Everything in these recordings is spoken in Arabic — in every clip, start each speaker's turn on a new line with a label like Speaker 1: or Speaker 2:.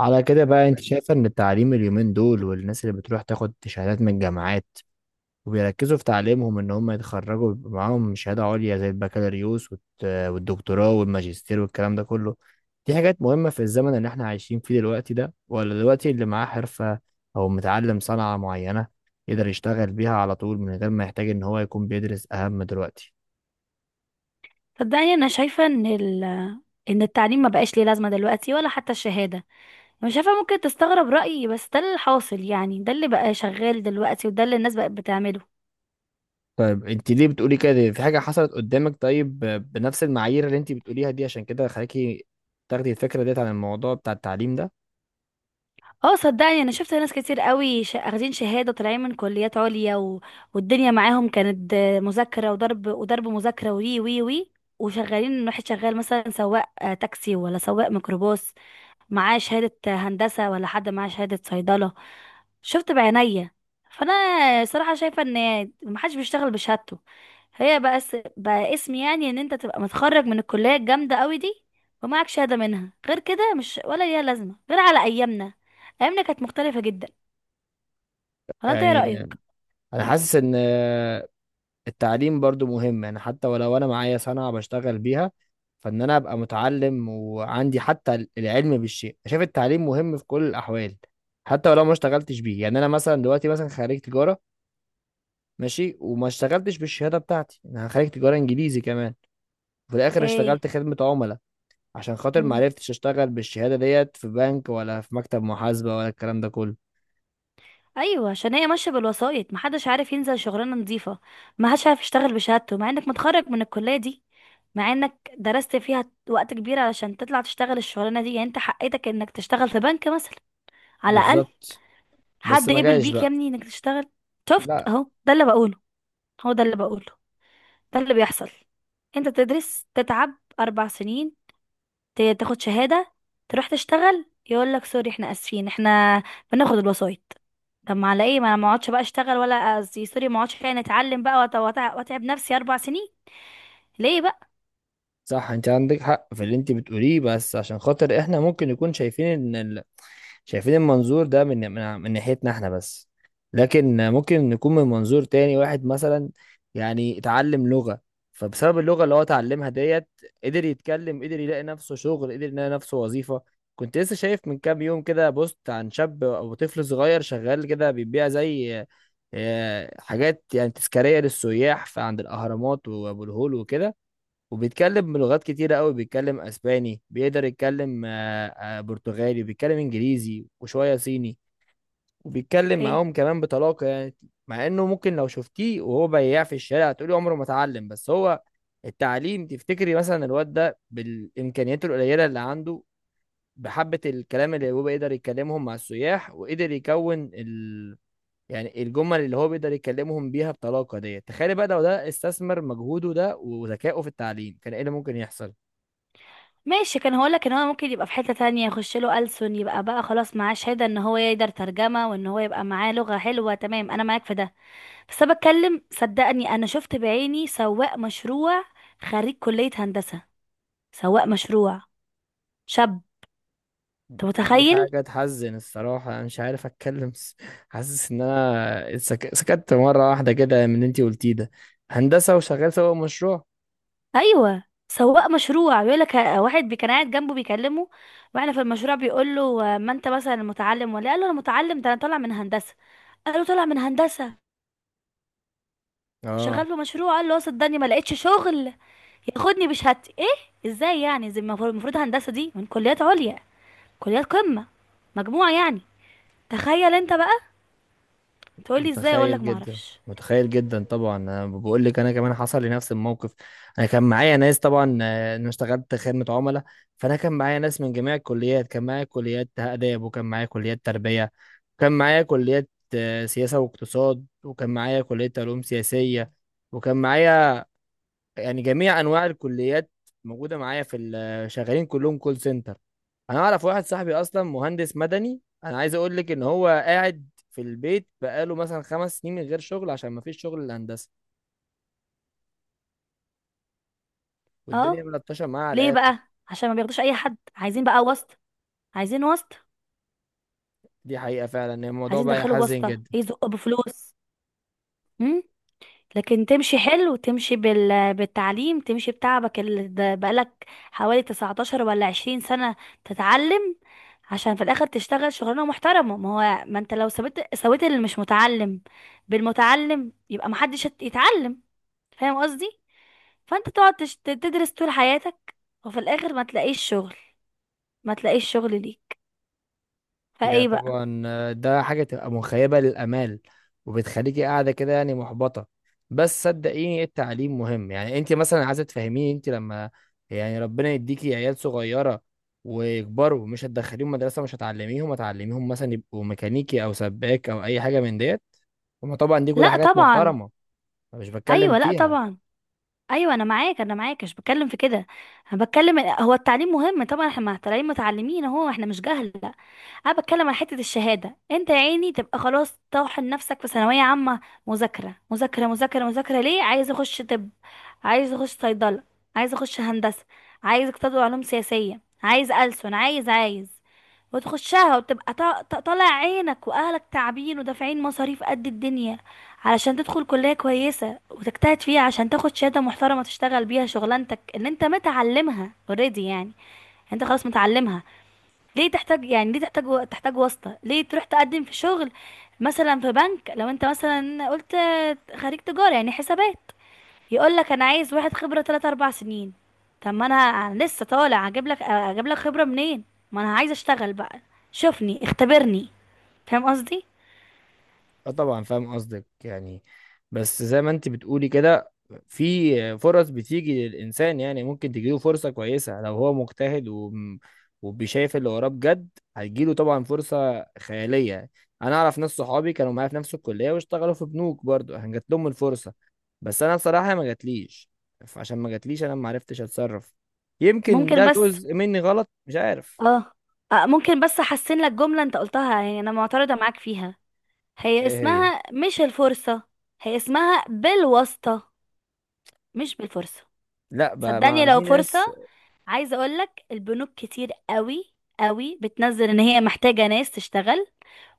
Speaker 1: على كده بقى، انت يعني شايفه ان التعليم اليومين دول، والناس اللي بتروح تاخد شهادات من الجامعات وبيركزوا في تعليمهم ان هم يتخرجوا ويبقى معاهم شهاده عليا زي البكالوريوس والدكتوراه والماجستير والكلام ده كله، دي حاجات مهمه في الزمن اللي احنا عايشين فيه دلوقتي ده، ولا دلوقتي اللي معاه حرفه او متعلم صنعه معينه يقدر يشتغل بيها على طول من غير ما يحتاج ان هو يكون بيدرس اهم دلوقتي؟
Speaker 2: صدقني انا شايفه ان التعليم ما بقاش ليه لازمه دلوقتي ولا حتى الشهاده. انا شايفه ممكن تستغرب رايي، بس ده اللي حاصل، يعني ده اللي بقى شغال دلوقتي وده اللي الناس بقت بتعمله.
Speaker 1: طيب انت ليه بتقولي كده؟ في حاجة حصلت قدامك؟ طيب بنفس المعايير اللي انت بتقوليها دي عشان كده خلاكي تاخدي الفكرة ديت عن الموضوع بتاع التعليم ده؟
Speaker 2: اه صدقني انا شفت ناس كتير قوي اخدين شهاده، طالعين من كليات عليا، والدنيا معاهم كانت مذاكره وضرب وضرب مذاكره، وي وي وي، وشغالين. واحد شغال مثلا سواق تاكسي، ولا سواق ميكروباص، معاه شهادة هندسة، ولا حد معاه شهادة صيدلة. شفت بعينيا. فانا صراحة شايفة ان محدش بيشتغل بشهادته، هي بقى بقى اسم، يعني ان انت تبقى متخرج من الكلية الجامدة قوي دي ومعك شهادة منها، غير كده مش ولا ليها لازمة غير على ايامنا. ايامنا كانت مختلفة جدا، ولا انت ايه
Speaker 1: يعني
Speaker 2: رأيك؟
Speaker 1: انا حاسس ان التعليم برضو مهم، يعني حتى ولو انا معايا صنعة بشتغل بيها، فان انا ابقى متعلم وعندي حتى العلم بالشيء. شايف التعليم مهم في كل الاحوال حتى ولو ما اشتغلتش بيه. يعني انا مثلا دلوقتي مثلا خريج تجارة، ماشي، وما اشتغلتش بالشهادة بتاعتي. انا خريج تجارة انجليزي كمان، وفي الاخر
Speaker 2: اوكي.
Speaker 1: اشتغلت خدمة عملاء عشان خاطر ما عرفتش اشتغل بالشهادة ديت في بنك، ولا في مكتب محاسبة، ولا الكلام ده كله.
Speaker 2: ايوه، عشان هي ماشيه بالوسائط، محدش عارف ينزل شغلانه نظيفه، محدش عارف يشتغل بشهادته، مع انك متخرج من الكليه دي، مع انك درست فيها وقت كبير علشان تطلع تشتغل الشغلانه دي، يعني انت حقيتك انك تشتغل في بنك مثلا، على الاقل.
Speaker 1: بالظبط. بس
Speaker 2: حد
Speaker 1: ما
Speaker 2: قبل
Speaker 1: جاش
Speaker 2: بيك يا
Speaker 1: بقى.
Speaker 2: ابني انك تشتغل؟ شفت
Speaker 1: لا.
Speaker 2: اهو، ده اللي بقوله، هو ده اللي بقوله، ده اللي بيحصل. انت تدرس، تتعب اربع سنين، تاخد شهادة، تروح تشتغل، يقول لك سوري احنا اسفين، احنا بناخد الوسايط. طب ما على ايه؟ ما انا ما اقعدش بقى اشتغل، ولا قصدي سوري، ما اقعدش يعني اتعلم بقى واتعب نفسي اربع سنين، ليه بقى؟
Speaker 1: صح، انت عندك حق في اللي انت بتقوليه، بس عشان خاطر احنا ممكن نكون شايفين ان ال... شايفين المنظور ده من ناحيتنا احنا بس. لكن ممكن نكون من منظور تاني. واحد مثلا يعني اتعلم لغة، فبسبب اللغة اللي هو اتعلمها ديت قدر يتكلم، قدر يلاقي نفسه شغل، قدر يلاقي نفسه وظيفة. كنت لسه شايف من كام يوم كده بوست عن شاب او طفل صغير شغال كده بيبيع زي حاجات يعني تذكارية للسياح في عند الأهرامات وأبو الهول وكده. وبيتكلم بلغات كتيرة قوي، بيتكلم اسباني، بيقدر يتكلم برتغالي، بيتكلم انجليزي وشوية صيني، وبيتكلم
Speaker 2: اوكي.
Speaker 1: معاهم كمان بطلاقة يعني. مع انه ممكن لو شفتيه وهو بياع في الشارع تقولي عمره ما اتعلم، بس هو التعليم. تفتكري مثلا الواد ده بالامكانيات القليلة اللي عنده، بحبة الكلام اللي هو بيقدر يتكلمهم مع السياح، وقدر يكون ال... يعني الجمل اللي هو بيقدر يكلمهم بيها بطلاقة ديت، تخيلي بقى لو ده استثمر مجهوده ده وذكائه في التعليم كان ايه اللي ممكن يحصل؟
Speaker 2: ماشي، كان هقول لك ان هو ممكن يبقى في حتة تانية، يخش له ألسن، يبقى بقى خلاص معاه شهادة ان هو يقدر ترجمة، وان هو يبقى معاه لغة حلوة، تمام، انا معاك في ده. بس انا بتكلم، صدقني انا شفت بعيني سواق مشروع، خريج كلية هندسة، سواق مشروع، شاب، انت
Speaker 1: دي
Speaker 2: متخيل؟
Speaker 1: حاجة تحزن الصراحة. أنا مش عارف أتكلم. حاسس إن أنا سكت مرة واحدة كده من اللي أنتي قلتيه ده. هندسة وشغال سوا مشروع.
Speaker 2: ايوه، سواق مشروع، بيقول لك واحد كان قاعد جنبه بيكلمه، واحنا في المشروع، بيقول له ما انت مثلا متعلم ولا إيه؟ قال له انا متعلم، ده انا طالع من هندسه. قال له طالع من هندسه،
Speaker 1: آه.
Speaker 2: شغال في مشروع؟ قال له اه صدقني ما لقيتش شغل ياخدني بشهادتي. ايه ازاي يعني؟ زي المفروض، المفروض هندسه دي من كليات عليا، كليات قمه، مجموعه يعني. تخيل انت بقى. تقولي ازاي؟ اقول
Speaker 1: متخيل
Speaker 2: لك ما
Speaker 1: جدا،
Speaker 2: اعرفش.
Speaker 1: متخيل جدا. طبعا أنا بقول لك أنا كمان حصل لي نفس الموقف. أنا كان معايا ناس طبعا، أنا اشتغلت خدمة عملاء. فأنا كان معايا ناس من جميع الكليات، كان معايا كليات آداب، وكان معايا كليات تربية، وكان معايا كليات سياسة واقتصاد، وكان معايا كلية علوم سياسية، وكان معايا يعني جميع انواع الكليات موجوده معايا في شغالين كلهم كول سنتر. انا اعرف واحد صاحبي اصلا مهندس مدني، انا عايز اقول لك ان هو قاعد في البيت بقاله مثلا 5 سنين من غير شغل عشان ما فيش شغل الهندسه، والدنيا
Speaker 2: اه.
Speaker 1: ملطشه معاه على
Speaker 2: ليه
Speaker 1: الاخر.
Speaker 2: بقى؟ عشان ما بياخدوش اي حد، عايزين بقى واسطه، عايزين واسطه،
Speaker 1: دي حقيقه فعلا، إن الموضوع
Speaker 2: عايزين
Speaker 1: بقى
Speaker 2: يدخلوا
Speaker 1: يحزن
Speaker 2: بواسطه،
Speaker 1: جدا.
Speaker 2: يزقوا بفلوس. لكن تمشي حلو، تمشي بالتعليم، تمشي بتعبك اللي ده بقالك حوالي 19 ولا 20 سنة تتعلم، عشان في الاخر تشتغل شغلانة محترمة. ما هو ما انت لو سويت سويت اللي مش متعلم بالمتعلم، يبقى محدش يتعلم، فاهم قصدي؟ فانت تقعد تدرس طول حياتك، وفي الاخر ما تلاقيش شغل، ما تلاقيش شغل ليك،
Speaker 1: هي
Speaker 2: فايه بقى؟
Speaker 1: طبعا، ده حاجة تبقى مخيبة للآمال، وبتخليكي قاعدة كده يعني محبطة. بس صدقيني التعليم مهم. يعني انت مثلا عايزة تفهميني انت لما يعني ربنا يديكي عيال صغيرة ويكبروا مش هتدخليهم مدرسة؟ مش هتعلميهم؟ هتعلميهم مثلا يبقوا ميكانيكي أو سباك أو أي حاجة من ديت؟ هما طبعا دي كلها
Speaker 2: لا
Speaker 1: حاجات
Speaker 2: طبعا.
Speaker 1: محترمة، أنا مش بتكلم
Speaker 2: ايوه لا
Speaker 1: فيها.
Speaker 2: طبعا. ايوه، انا معاك، انا معاك، مش بتكلم في كده. انا بتكلم، هو التعليم مهم طبعا، احنا طالعين متعلمين اهو، احنا مش جهل، لا. انا بتكلم على حته الشهاده، انت يا عيني تبقى خلاص طاحن نفسك في ثانويه عامه، مذاكره مذاكره مذاكره مذاكره، ليه؟ عايز اخش طب، عايز اخش صيدله، عايز اخش هندسه، عايز اقتصاد وعلوم سياسيه، عايز ألسن، عايز عايز. وتخشها، وتبقى طالع عينك، واهلك تعبين ودافعين مصاريف قد الدنيا علشان تدخل كلية كويسة وتجتهد فيها عشان تاخد شهادة محترمة تشتغل بيها شغلانتك ان انت متعلمها، اوريدي يعني. انت خلاص متعلمها، ليه تحتاج يعني؟ ليه تحتاج تحتاج واسطة؟ ليه تروح تقدم في شغل مثلا في بنك، لو انت مثلا قلت خريج تجارة يعني حسابات، يقول لك انا عايز واحد خبره 3 4 سنين؟ طب ما انا لسه طالع، اجيب لك خبره منين؟ ما انا عايز اشتغل بقى، شوفني، اختبرني، فاهم قصدي؟
Speaker 1: اه، طبعا فاهم قصدك يعني. بس زي ما انت بتقولي كده، في فرص بتيجي للإنسان. يعني ممكن تجيله فرصة كويسة لو هو مجتهد وبيشايف اللي وراه بجد، هتجيله طبعا فرصة خيالية. أنا أعرف ناس صحابي كانوا معايا في نفس الكلية واشتغلوا في بنوك برضو، كان جات لهم الفرصة. بس أنا بصراحة ما جاتليش، فعشان ما جاتليش أنا ما عرفتش أتصرف. يمكن
Speaker 2: ممكن
Speaker 1: ده
Speaker 2: بس
Speaker 1: جزء مني غلط، مش عارف.
Speaker 2: اه ممكن بس احسن لك جمله انت قلتها، يعني انا معترضه معاك فيها. هي
Speaker 1: إيه هي؟
Speaker 2: اسمها مش الفرصه، هي اسمها بالواسطه، مش بالفرصه.
Speaker 1: لا بقى،
Speaker 2: صدقني،
Speaker 1: ما
Speaker 2: لو
Speaker 1: في
Speaker 2: فرصه،
Speaker 1: ناس.
Speaker 2: عايزه اقول لك البنوك كتير قوي قوي بتنزل ان هي محتاجه ناس تشتغل،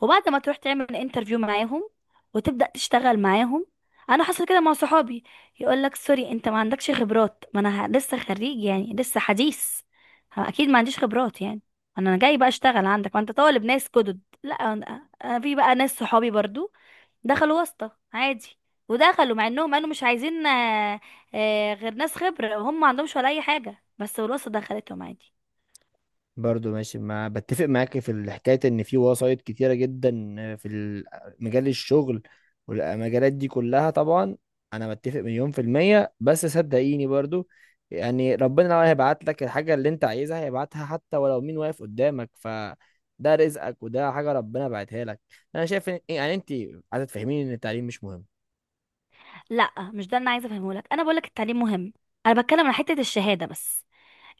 Speaker 2: وبعد ما تروح تعمل انترفيو معاهم وتبدأ تشتغل معاهم، انا حصل كده مع صحابي، يقول لك سوري انت ما عندكش خبرات. ما انا لسه خريج يعني، لسه حديث، اكيد ما عنديش خبرات يعني. انا جاي بقى اشتغل عندك، ما انت طالب ناس جدد، لا. انا في بقى ناس صحابي برضو دخلوا واسطة عادي، ودخلوا مع انهم قالوا مش عايزين غير ناس خبرة، وهم ما عندهمش ولا اي حاجة، بس الواسطة دخلتهم عادي.
Speaker 1: برضو ماشي، مع بتفق معاك في الحكاية ان في وسايط كتيرة جدا، في مجال الشغل والمجالات دي كلها طبعا. انا متفق مليون في المية، بس صدقيني برضو، يعني ربنا لو هيبعت لك الحاجة اللي انت عايزها هيبعتها حتى ولو مين واقف قدامك. ف ده رزقك وده حاجة ربنا بعتها لك. انا شايف ان يعني انت عايزة تفهميني ان التعليم مش مهم.
Speaker 2: لا، مش ده اللي انا عايزه افهمه لك، انا بقول لك التعليم مهم، انا بتكلم عن حته الشهاده بس،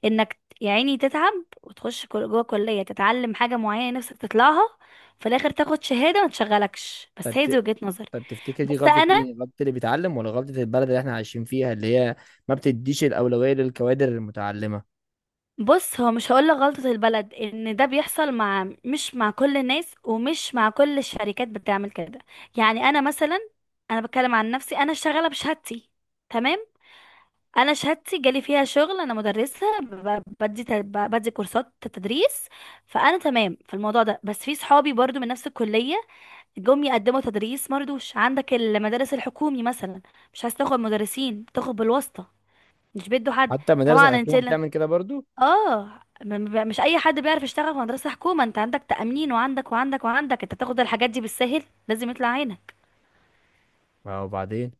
Speaker 2: انك يا عيني تتعب وتخش جوه كلية تتعلم حاجة معينة نفسك تطلعها، في الاخر تاخد شهادة ما تشغلكش، بس
Speaker 1: طب
Speaker 2: هي دي
Speaker 1: ت...
Speaker 2: وجهة نظري.
Speaker 1: طب تفتكر دي
Speaker 2: بس
Speaker 1: غلطة
Speaker 2: انا
Speaker 1: مين؟ غلطة اللي بيتعلم ولا غلطة البلد اللي احنا عايشين فيها اللي هي ما بتديش الأولوية للكوادر المتعلمة؟
Speaker 2: بص، هو مش هقول لك غلطة البلد، ان ده بيحصل مش مع كل الناس، ومش مع كل الشركات بتعمل كده، يعني انا مثلا، انا بتكلم عن نفسي، انا شغالة بشهادتي، تمام، انا شهادتي جالي فيها شغل، انا مدرسة، بدي بدي كورسات تدريس، فانا تمام في الموضوع ده. بس في صحابي برضو من نفس الكلية جم يقدموا تدريس مرضوش، عندك المدارس الحكومي مثلا، مش عايز تاخد مدرسين، تاخد بالواسطة، مش بيدوا حد.
Speaker 1: حتى المدارس
Speaker 2: طبعا انت
Speaker 1: الحكومة
Speaker 2: لا.
Speaker 1: بتعمل كده برضو.
Speaker 2: اه، مش اي حد بيعرف يشتغل في مدرسة حكومة، انت عندك تأمين وعندك وعندك وعندك، انت تاخد الحاجات دي بالسهل؟ لازم يطلع عينك.
Speaker 1: اه، وبعدين.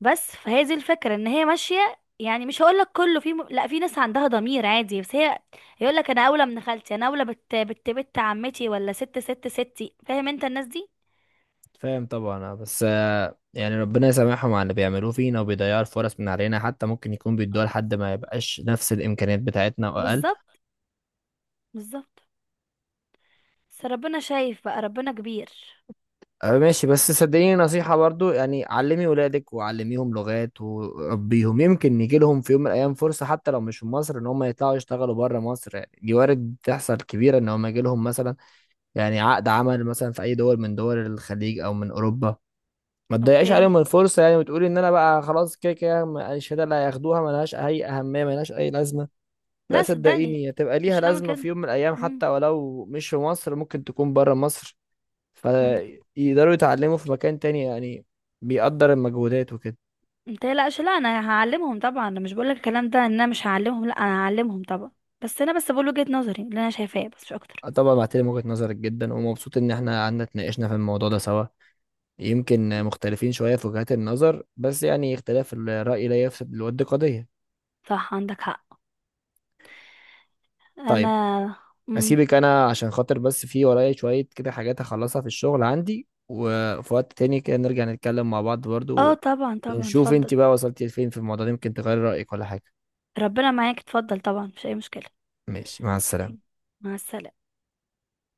Speaker 2: بس فهي دي الفكرة، ان هي ماشية يعني، مش هقول لك كله في لا، في ناس عندها ضمير عادي، بس هي يقول لك انا اولى من خالتي، انا اولى بت عمتي، ولا ست ست ستي، فاهم انت الناس دي؟
Speaker 1: فاهم طبعا، بس يعني ربنا يسامحهم على اللي بيعملوه فينا وبيضيعوا الفرص من علينا، حتى ممكن يكون بيدوها لحد ما يبقاش نفس الامكانيات بتاعتنا واقل.
Speaker 2: بالظبط، بالظبط، بس ربنا شايف بقى، ربنا كبير.
Speaker 1: ماشي. بس صدقيني نصيحة برضو، يعني علمي ولادك وعلميهم لغات وربيهم، يمكن يجي لهم في يوم من الايام فرصة حتى لو مش في مصر، ان هم يطلعوا يشتغلوا بره مصر. يعني دي وارد تحصل كبيرة ان هم يجي لهم مثلا يعني عقد عمل مثلا في اي دول من دول الخليج او من اوروبا. ما تضيعيش عليهم
Speaker 2: اوكي،
Speaker 1: الفرصه، يعني وتقولي ان انا بقى خلاص كده كده الشهاده اللي هياخدوها ملهاش اي اهميه، ملهاش اي لازمه. لا
Speaker 2: لا صدقني،
Speaker 1: صدقيني هتبقى ليها
Speaker 2: مش هعمل
Speaker 1: لازمه
Speaker 2: كده.
Speaker 1: في يوم من الايام
Speaker 2: مم.
Speaker 1: حتى ولو مش في مصر ممكن تكون بره مصر،
Speaker 2: مم.
Speaker 1: فيقدروا يتعلموا في مكان تاني يعني. بيقدر المجهودات وكده.
Speaker 2: انت لا لا، انا هعلمهم طبعا، انا مش بقولك الكلام ده ان انا مش هعلمهم، لا انا هعلمهم طبعا، بس انا بس بقول وجهة نظري اللي انا شايفاه، بس مش اكتر.
Speaker 1: آه، طبعا بعتلم وجهة نظرك جدا، ومبسوط ان احنا قعدنا اتناقشنا في الموضوع ده سوا. يمكن مختلفين شويه في وجهات النظر بس يعني اختلاف الرأي لا يفسد للود قضيه.
Speaker 2: صح، عندك حق. انا.
Speaker 1: طيب
Speaker 2: مم.
Speaker 1: اسيبك انا عشان خاطر بس في ورايا شوية كده حاجات هخلصها في الشغل عندي، وفي وقت تاني كده نرجع نتكلم مع بعض برضو
Speaker 2: اه طبعا طبعا
Speaker 1: ونشوف انت
Speaker 2: اتفضل.
Speaker 1: بقى وصلتي لفين في الموضوع ده. يمكن تغير رأيك ولا حاجة.
Speaker 2: ربنا معاك اتفضل طبعا، مش اي مشكلة.
Speaker 1: ماشي، مع السلامة.
Speaker 2: مع السلامة.